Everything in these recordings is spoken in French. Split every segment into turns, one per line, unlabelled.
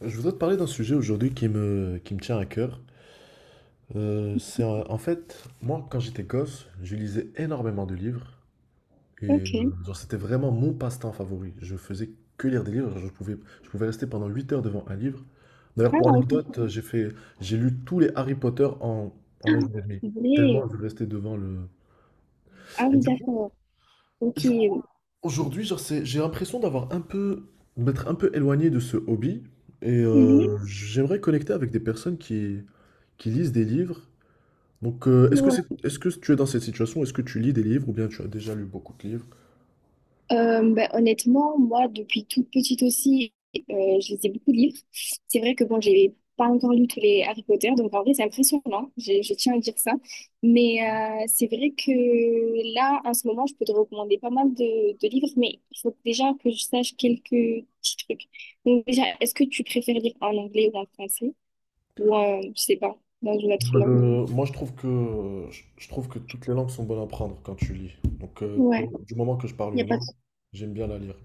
Je voudrais te parler d'un sujet aujourd'hui qui me tient à cœur. En fait, moi, quand j'étais gosse, je lisais énormément de livres et
Ok.
genre, c'était vraiment mon passe-temps favori. Je faisais que lire des livres. Je pouvais rester pendant 8 heures devant un livre. D'ailleurs,
Ah,
pour
ouais, comprends.
anecdote, j'ai lu tous les Harry Potter en un jour et demi.
Mais-
Tellement je restais devant le.
Ah
Et
oui,
du coup,
d'accord.
Et
Ok.
du coup, aujourd'hui, genre, j'ai l'impression d'être un peu éloigné de ce hobby. Et
Mhm.
j'aimerais connecter avec des personnes qui lisent des livres. Donc,
Ouais.
est-ce que tu es dans cette situation? Est-ce que tu lis des livres ou bien tu as déjà lu beaucoup de livres?
Honnêtement, moi, depuis toute petite aussi, je lisais beaucoup de livres. C'est vrai que bon, j'ai pas encore lu tous les Harry Potter, donc en vrai, c'est impressionnant. Je tiens à dire ça. Mais c'est vrai que là, en ce moment, je peux te recommander pas mal de livres, mais il faut déjà que je sache quelques petits trucs. Donc déjà, est-ce que tu préfères lire en anglais ou en français? Ou, je sais pas, dans une autre
Moi, je trouve que toutes les langues sont bonnes à apprendre quand tu lis. Donc,
langue?
du moment que je parle
Il n'y
une
a pas de...
langue, j'aime bien la lire.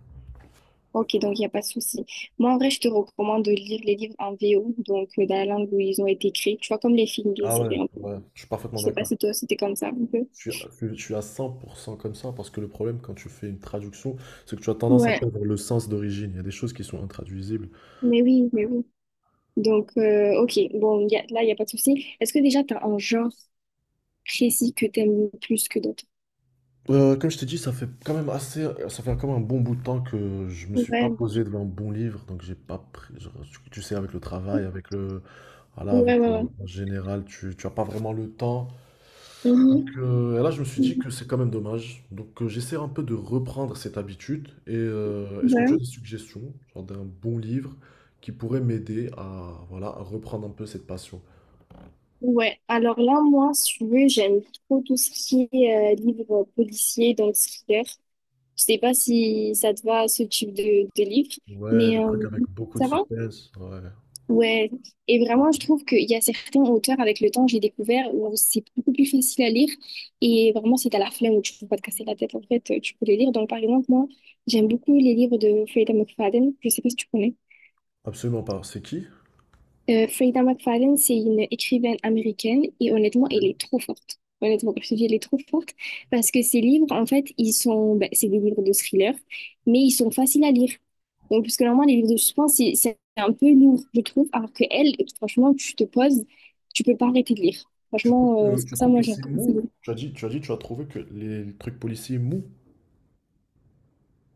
Ok, donc il n'y a pas de souci. Moi, en vrai, je te recommande de lire les livres en VO, donc dans la langue où ils ont été créés. Tu vois, comme les films, les
Ah ouais?
séries un peu.
Ouais, je suis parfaitement
Je sais pas
d'accord.
si toi, c'était comme ça un peu.
Je suis à je suis à 100 comme ça parce que le problème quand tu fais une traduction, c'est que tu as tendance à
Ouais,
perdre le sens d'origine. Il y a des choses qui sont intraduisibles.
mais oui, mais oui. Donc, ok, bon, y a- là, il n'y a pas de souci. Est-ce que déjà, tu as un genre précis que tu aimes plus que d'autres?
Comme je t'ai dit, ça fait quand même un bon bout de temps que je me suis pas
Ouais,
posé devant un bon livre, donc j'ai pas pris. Genre, tu sais, avec le
ok.
travail, voilà,
Ouais, ouais.
en général, tu as pas vraiment le temps.
Ouais. Mhm.
Et là, je me suis dit que c'est quand même dommage. Donc, j'essaie un peu de reprendre cette habitude. Et est-ce que tu as
Ouais.
des suggestions, genre d'un bon livre qui pourrait m'aider voilà, à reprendre un peu cette passion?
Ouais. Alors là, moi, si tu veux, j'aime trop tout ce qui est livre policier, donc thriller. Je sais pas si ça te va, ce type de livre,
Ouais, les
mais
trucs avec beaucoup de
ça va?
suspense. Ouais,
Ouais. Et vraiment, je trouve qu'il y a certains auteurs, avec le temps, j'ai découvert où c'est beaucoup plus facile à lire. Et vraiment, si t'as la flemme ou tu peux pas te casser la tête, en fait, tu peux les lire. Donc, par exemple, moi, j'aime beaucoup les livres de Freda McFadden. Je sais pas si tu connais.
absolument pas. C'est qui?
Freda McFarlane, c'est une écrivaine américaine et honnêtement, elle est trop forte. Honnêtement, comme je te dis, elle est trop forte parce que ses livres, en fait, ils sont, ben, c'est des livres de thriller, mais ils sont faciles à lire. Donc, puisque normalement, les livres de suspense, c'est un peu lourd, je trouve, alors que elle, franchement, tu te poses, tu peux pas arrêter de lire.
Tu trouves
Franchement,
que,
c'est
tu
pour ça,
trouves que
moi, j'aime
c'est
beaucoup ces livres.
mou? Tu as trouvé que les trucs policiers mou.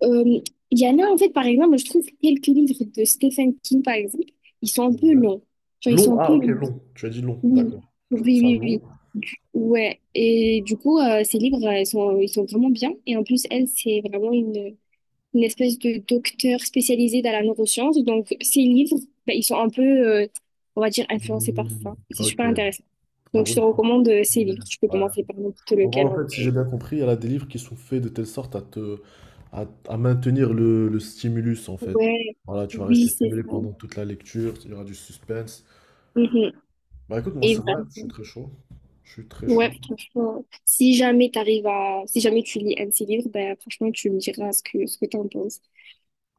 Euh, Il y en a, en fait, par exemple, je trouve quelques livres de Stephen King, par exemple, ils sont un peu
Ouais.
longs. Genre, ils sont
Long?
un
Ah,
peu
ok,
longs.
long. Tu as dit long,
Oui,
d'accord.
oui,
Tu trouves ça
oui,
long?
oui. Du- Ouais, et du coup, ces livres, ils sont vraiment bien. Et en plus, elle, c'est vraiment une espèce de docteur spécialisée dans la neuroscience. Donc, ces livres, bah, ils sont un peu, on va dire, influencés par ça.
Mm,
C'est
ok.
super
En
intéressant. Donc, je te
gros,
recommande ces livres. Tu peux
ouais.
commencer par n'importe
En gros,
lequel,
en
en
fait, si j'ai
vrai.
bien compris, il y a des livres qui sont faits de telle sorte à te, à maintenir le stimulus, en fait.
Ouais,
Voilà, tu vas
oui,
rester
c'est
stimulé
ça.
pendant toute la lecture, il y aura du suspense.
Mhm.
Bah écoute, moi, c'est
Et
vrai, je suis
vraiment,
très chaud. Je suis très chaud.
ouais, franchement, si jamais t'arrives à, si jamais tu lis un de ces livres, ben, franchement, tu me diras ce ce que t'en penses.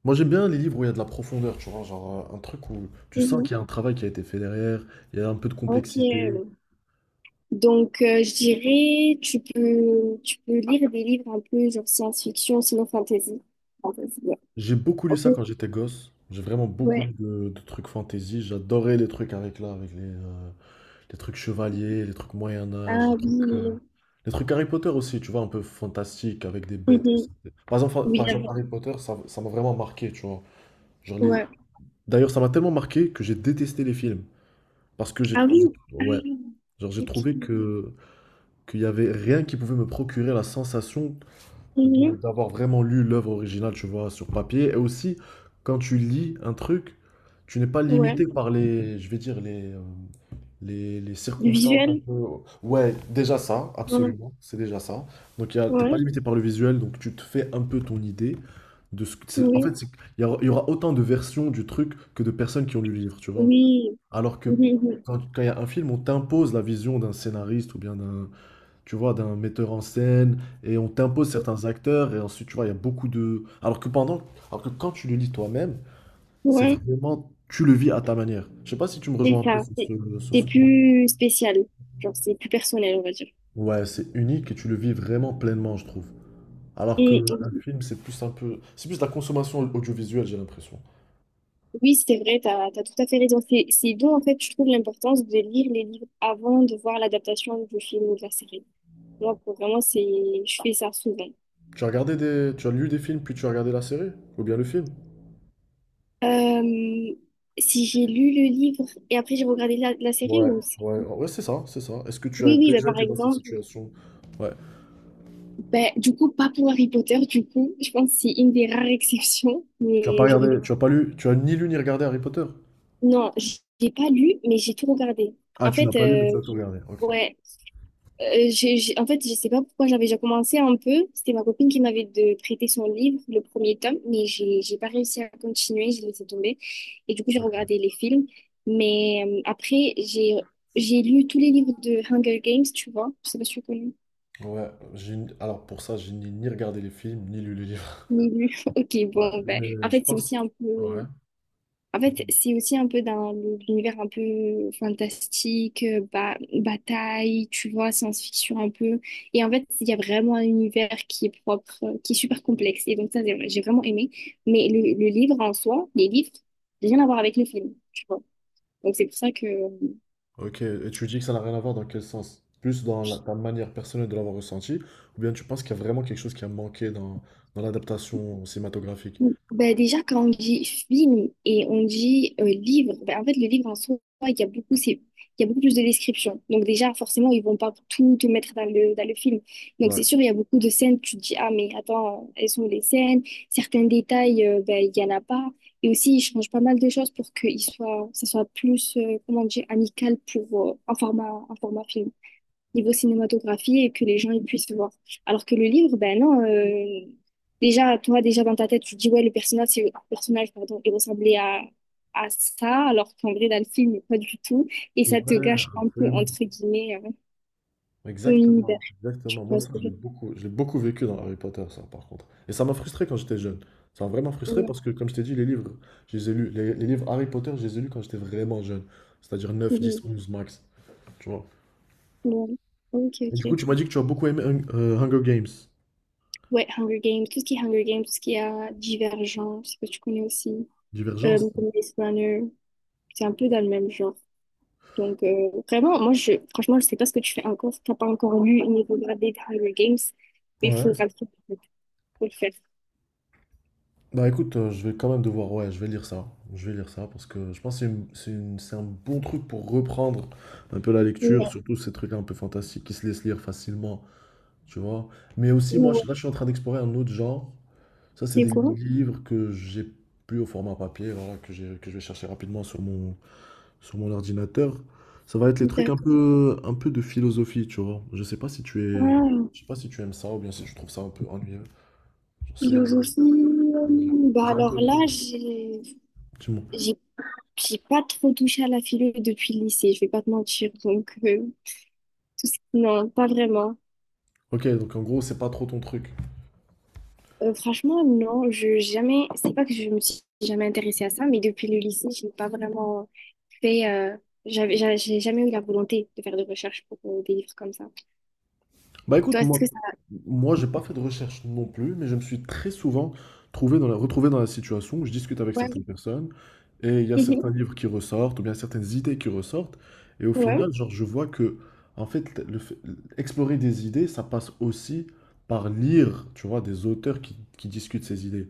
Moi, j'aime bien les livres où il y a de la profondeur, tu vois, genre un truc où tu sens
Mhm.
qu'il y a un travail qui a été fait derrière, il y a un peu de
Ok,
complexité.
donc je dirais tu peux lire des livres un peu genre science-fiction, sinon fantasy. Fantasy, ouais.
J'ai beaucoup lu
Ok.
ça quand j'étais gosse. J'ai vraiment beaucoup lu
Ouais.
de trucs fantasy. J'adorais les trucs avec là, les trucs chevaliers, les trucs Moyen-Âge,
Ah oui.
Les trucs Harry Potter aussi, tu vois, un peu fantastique, avec des bêtes.
Mhm.
Par exemple,
Oui,
par
il y
exemple
avait-
Harry Potter, ça m'a vraiment marqué, tu vois. Genre les...
ouais.
D'ailleurs, ça m'a tellement marqué que j'ai détesté les films. Parce que
Ah oui.
j'ai-
Ah,
Ouais. Genre, j'ai
ok.
trouvé que qu'il y avait rien qui pouvait me procurer la sensation
Mhm.
d'avoir vraiment lu l'œuvre originale, tu vois, sur papier. Et aussi, quand tu lis un truc, tu n'es pas
Ouais.
limité par je vais dire, les
Le
circonstances un
visuel.
peu. Ouais, déjà ça,
Ouais.
absolument, c'est déjà ça. Donc, t'es pas
Ouais.
limité par le visuel, donc tu te fais un peu ton idée de ce que. En
Oui.
fait, il y aura autant de versions du truc que de personnes qui ont lu le livre, tu vois.
Oui.
Alors que
Mhm.
quand il y a un film, on t'impose la vision d'un scénariste ou bien d'un tu vois, d'un metteur en scène, et on t'impose certains acteurs, et ensuite, tu vois, il y a beaucoup de. Alors que quand tu le lis toi-même, c'est
Ouais.
vraiment, tu le vis à ta manière. Je sais pas si tu me rejoins
C'est
un peu
ça.
sur ce, sur
C'est
ce point.
plus spécial. Genre c'est plus personnel, on va dire.
Ouais, c'est unique et tu le vis vraiment pleinement, je trouve. Alors que un
Mhm.
film, c'est plus de la consommation audiovisuelle, j'ai l'impression.
Oui, c'est vrai, t'as, t'as tout à fait raison. C'est d'où, en fait, je trouve l'importance de lire les livres avant de voir l'adaptation du film ou de la série. Moi, pour vraiment, c'est, je fais ça souvent.
Tu as lu des films, puis tu as regardé la série, ou bien le film?
Euh, Si j'ai lu le livre et après j'ai regardé la série
Ouais,
ou c'est-
ouais, ouais, c'est ça, c'est ça. Est-ce que tu as
Oui, oui, bah,
déjà
par
été dans cette
exemple,
situation? Ouais.
bah, du coup, pas pour Harry Potter, du coup, je pense que c'est une des rares exceptions, mais j'aurais...
Tu as ni lu ni regardé Harry Potter?
Non, j'ai pas lu, mais j'ai tout regardé.
Ah,
En
tu n'as
fait,
pas lu, mais tu as tout regardé. Ok.
ouais. En fait, je sais pas pourquoi j'avais déjà commencé un peu. C'était ma copine qui m'avait de prêté son livre, le premier tome, mais j'ai pas réussi à continuer, j'ai laissé tomber. Et du coup, j'ai
Ok.
regardé les films. Mais après, j'ai lu tous les livres de Hunger Games, tu vois. Je sais pas si tu connais.
Ouais, alors pour ça, j'ai ni regardé les films, ni lu les livres.
Ni lu. Ok,
Ouais.
bon, ben, en
Mais je
fait, c'est aussi
pense.
un
Ouais.
peu. En fait, c'est aussi un peu dans le- l'univers un peu fantastique, bataille, tu vois, science-fiction un peu. Et en fait, il y a vraiment un univers qui est propre, qui est super complexe. Et donc ça, j'ai vraiment aimé. Mais le livre en soi, les livres, rien à voir avec le film, tu vois. Donc c'est pour ça que
Ok, et tu dis que ça n'a rien à voir dans quel sens? Plus dans ta manière personnelle de l'avoir ressenti, ou bien tu penses qu'il y a vraiment quelque chose qui a manqué dans l'adaptation cinématographique?
ben déjà, quand on dit film et on dit livre, ben en fait, le livre en soi, il y a beaucoup, c'est, il y a beaucoup plus de descriptions. Donc déjà, forcément, ils vont pas tout te mettre dans le film. Donc
Ouais.
c'est sûr, il y a beaucoup de scènes, tu te dis, ah mais attends, elles sont où les scènes, certains détails, ben, il y en a pas. Et aussi, ils changent pas mal de choses pour que il soit, ça soit plus, comment dire, amical pour, un format film niveau cinématographie et que les gens ils puissent voir. Alors que le livre, ben non, déjà, toi, déjà dans ta tête, tu te dis, ouais, le personnage, c'est, le personnage, pardon, il ressemblait à ça, alors qu'en vrai, dans le film, pas du tout. Et ça te
Ouais,
gâche un peu,
absolument.
entre guillemets, ton univers.
Exactement,
Tu
exactement. Moi,
vois
ça,
ce que
je
je
l'ai beaucoup, je l'ai beaucoup vécu dans Harry Potter, ça, par contre. Et ça m'a frustré quand j'étais jeune. Ça m'a vraiment
veux
frustré
dire?
parce que, comme je t'ai dit, les livres, je les ai lus, les livres Harry Potter, je les ai lus quand j'étais vraiment jeune. C'est-à-dire neuf 10
Mhm.
11 max. Tu vois.
Ouais. Ok,
Et du coup,
ok.
tu m'as dit que tu as beaucoup aimé Hunger Games.
Ouais, Hunger Games, tout ce qui est Hunger Games, tout ce qui est Divergent, je sais pas si tu connais aussi,
Divergence?
Blade Runner, c'est un peu dans le même genre. Donc, vraiment, moi, je, franchement, je sais pas ce que tu fais encore, si t'as pas encore lu et niveau gradé de Hunger Games, mais il
Ouais.
faudra le faire, en fait. Faut le faire.
Bah écoute, je vais quand même devoir, ouais, je vais lire ça. Je vais lire ça parce que je pense que c'est un bon truc pour reprendre un peu la
Et,
lecture, surtout ces trucs un peu fantastiques qui se laissent lire facilement. Tu vois? Mais aussi, moi,
ouais.
là, je suis en train d'explorer un autre genre. Ça, c'est
C'est
des
quoi?
livres que j'ai plus au format papier, voilà, que je vais chercher rapidement sur mon ordinateur. Ça va être les trucs un
Peut-être.
peu, un peu de philosophie, tu vois. Je sais pas si tu es,
Ah,
je sais pas si tu aimes ça ou bien si tu trouves ça un peu ennuyeux. Je sais,
philosophie. Bah alors là,
dis-moi.
j'ai j'ai pas trop touché à la philo depuis le lycée, je vais pas te mentir. Donc, tout ce- non, pas vraiment.
Ok, donc en gros, c'est pas trop ton truc.
Franchement, non, je jamais. C'est pas que je me suis jamais intéressée à ça, mais depuis le lycée, j'ai pas vraiment fait. J'ai jamais eu la volonté de faire de recherche pour des livres comme ça.
Bah écoute,
Toi, est-ce
moi,
que ça.
moi j'ai pas fait de recherche non plus, mais je me suis très souvent retrouvé dans la situation où je discute avec certaines
Ouais.
personnes et il y a certains
Mhm.
livres qui ressortent ou bien certaines idées qui ressortent et au
Ouais.
final, genre, je vois que en fait, explorer des idées, ça passe aussi par lire, tu vois, des auteurs qui discutent ces idées.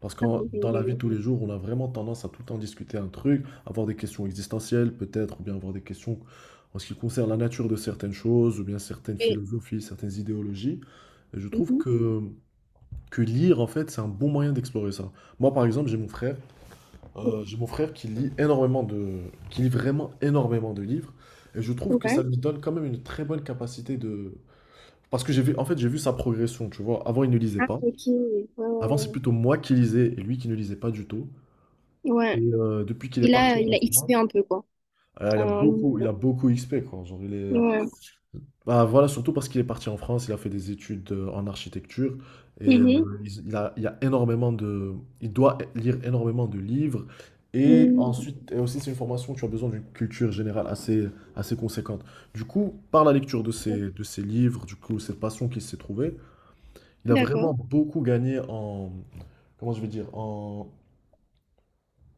Parce que
Ah, oui, oui,
dans la vie de
oui.
tous les jours, on a vraiment tendance à tout le temps discuter un truc, avoir des questions existentielles peut-être, ou bien avoir des questions en ce qui concerne la nature de certaines choses ou bien certaines
Mais-
philosophies, certaines idéologies. Je trouve
Mhm.
que lire, en fait, c'est un bon moyen d'explorer ça. Moi, par exemple, j'ai mon frère, qui lit qui lit vraiment énormément de livres, et je trouve que ça
Ouais.
lui donne quand même une très bonne capacité de, parce que j'ai vu sa progression, tu vois. Avant, il ne lisait
Ah,
pas.
ok.
Avant, c'est
Ouais.
plutôt moi qui lisais et lui qui ne lisait pas du tout.
Ouais.
Et depuis qu'il est parti
Il
en
a XP
France,
un peu, quoi.
euh, il a
Euh,
beaucoup, il a beaucoup XP, quoi. Genre, il est,
ouais.
Bah voilà, surtout parce qu'il est parti en France, il a fait des études en architecture et
Mhm.
il a il doit lire énormément de livres et
Mhm.
ensuite et aussi c'est une formation où tu as besoin d'une culture générale assez conséquente. Du coup, par la lecture de ces livres, du coup cette passion qu'il s'est trouvée, il a vraiment
D'accord.
beaucoup gagné en comment je vais dire en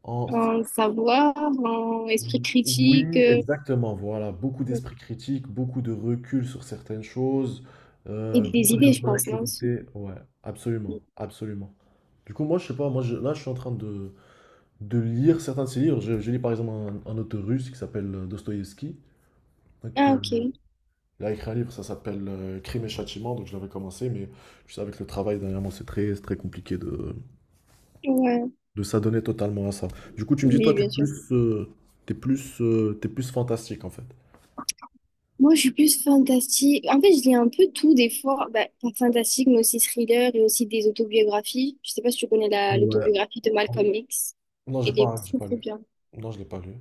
en
En savoir, en esprit
Oui,
critique
exactement. Voilà, beaucoup d'esprit critique, beaucoup de recul sur certaines choses,
et des
beaucoup de
idées, je pense, non? Aussi.
maturité. Ouais, absolument, absolument. Du coup, moi, je sais pas, moi, là, je suis en train de lire certains de ses livres. Je lis par exemple un auteur russe qui s'appelle Dostoïevski. Donc,
Ah, ok.
il a écrit un livre, ça s'appelle Crime et Châtiment. Donc, je l'avais commencé, mais tu sais, avec le travail dernièrement, c'est très compliqué
Ouais.
de s'adonner totalement à ça. Du coup, tu me dis, toi,
Oui,
t'es
bien sûr.
plus, euh, t'es plus, euh, t'es plus fantastique en fait.
Moi, je suis plus fantastique. En fait, je lis un peu tout des fois. Bah, pas fantastique, mais aussi thriller et aussi des autobiographies. Je sais pas si tu connais l'autobiographie de Malcolm X.
Non, j'ai
Elle est
pas, j'ai
très,
pas
très
lu.
bien.
Non, je l'ai pas lu.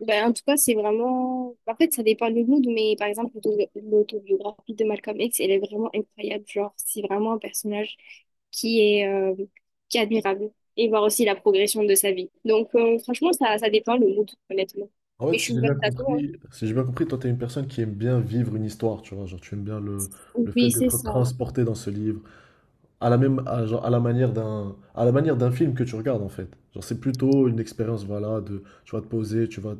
Bah, en tout cas, c'est vraiment... En fait, ça dépend du mood, mais par exemple, l'autobiographie de Malcolm X, elle est vraiment incroyable. Genre, c'est vraiment un personnage qui est, euh, qui est admirable. Et voir aussi la progression de sa vie. Donc, franchement, ça dépend le mood, honnêtement.
En fait,
Mais je
si
suis
j'ai bien
ouverte à tout. Hein.
compris, si j'ai bien compris, toi, t'es une personne qui aime bien vivre une histoire, tu vois. Genre, tu aimes bien le fait
Oui, c'est
d'être
ça.
transporté dans ce livre, à la manière d'un film que tu regardes, en fait. Genre, c'est plutôt une expérience, voilà, de, tu vas te poser, tu vas,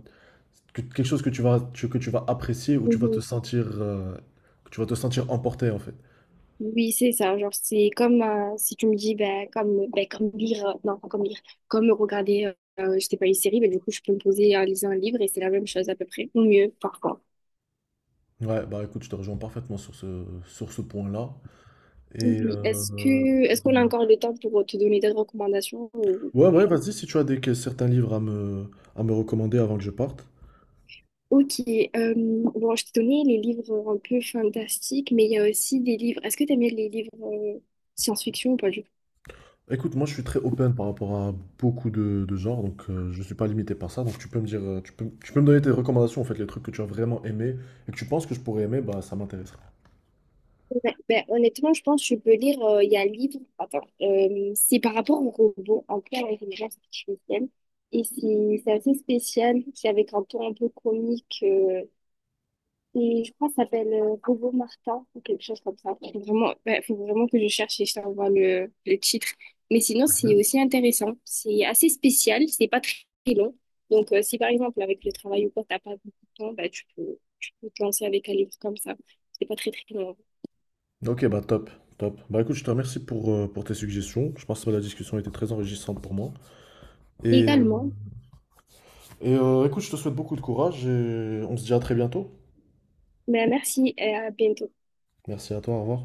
que- quelque chose que tu vas apprécier ou tu vas te
Mhm.
sentir, que tu vas te sentir, emporté, en fait.
Oui, c'est ça. Genre, c'est comme si tu me dis, ben, comme lire, non, pas comme lire, comme regarder, je sais pas, une série, ben, du coup, je peux me poser à lire un livre et c'est la même chose à peu près, ou mieux, parfois.
Ouais, bah écoute, je te rejoins parfaitement sur ce point-là. Et,
Oui, est-ce que, est-ce qu'on a encore le temps pour te donner des recommandations ou
ouais,
pas du
ouais,
tout?
vas-y, si tu as des, certains livres à me recommander avant que je parte.
Ok, bon, je t'ai donné les livres un peu fantastiques, mais il y a aussi des livres, est-ce que tu aimes bien les livres science-fiction ou pas du
Écoute, moi je suis très open par rapport à beaucoup de genres, donc je ne suis pas limité par ça. Tu peux me donner tes recommandations, en fait, les trucs que tu as vraiment aimé et que tu penses que je pourrais aimer, bah ça m'intéresserait.
ouais, ben, honnêtement, je pense que tu peux lire, il y a un livre, attends, c'est par rapport au robot, un peu à l'intelligence artificielle, et c'est assez spécial, c'est avec un ton un peu comique, et je crois que ça s'appelle Robot Martin, ou quelque chose comme ça. Faut vraiment, ben, faut vraiment que je cherche et je t'envoie le titre. Mais sinon, c'est aussi intéressant, c'est assez spécial, c'est pas très long, donc si par exemple, avec le travail ou quoi, t'as pas beaucoup de temps, ben, tu peux te lancer avec un livre comme ça, c'est pas très très long.
Ok, bah top, top. Bah écoute, je te remercie pour tes suggestions. Je pense que la discussion a été très enrichissante pour moi. Et, euh,
Également.
écoute, je te souhaite beaucoup de courage et on se dit à très bientôt.
Ben, merci et à bientôt.
Merci à toi, au revoir.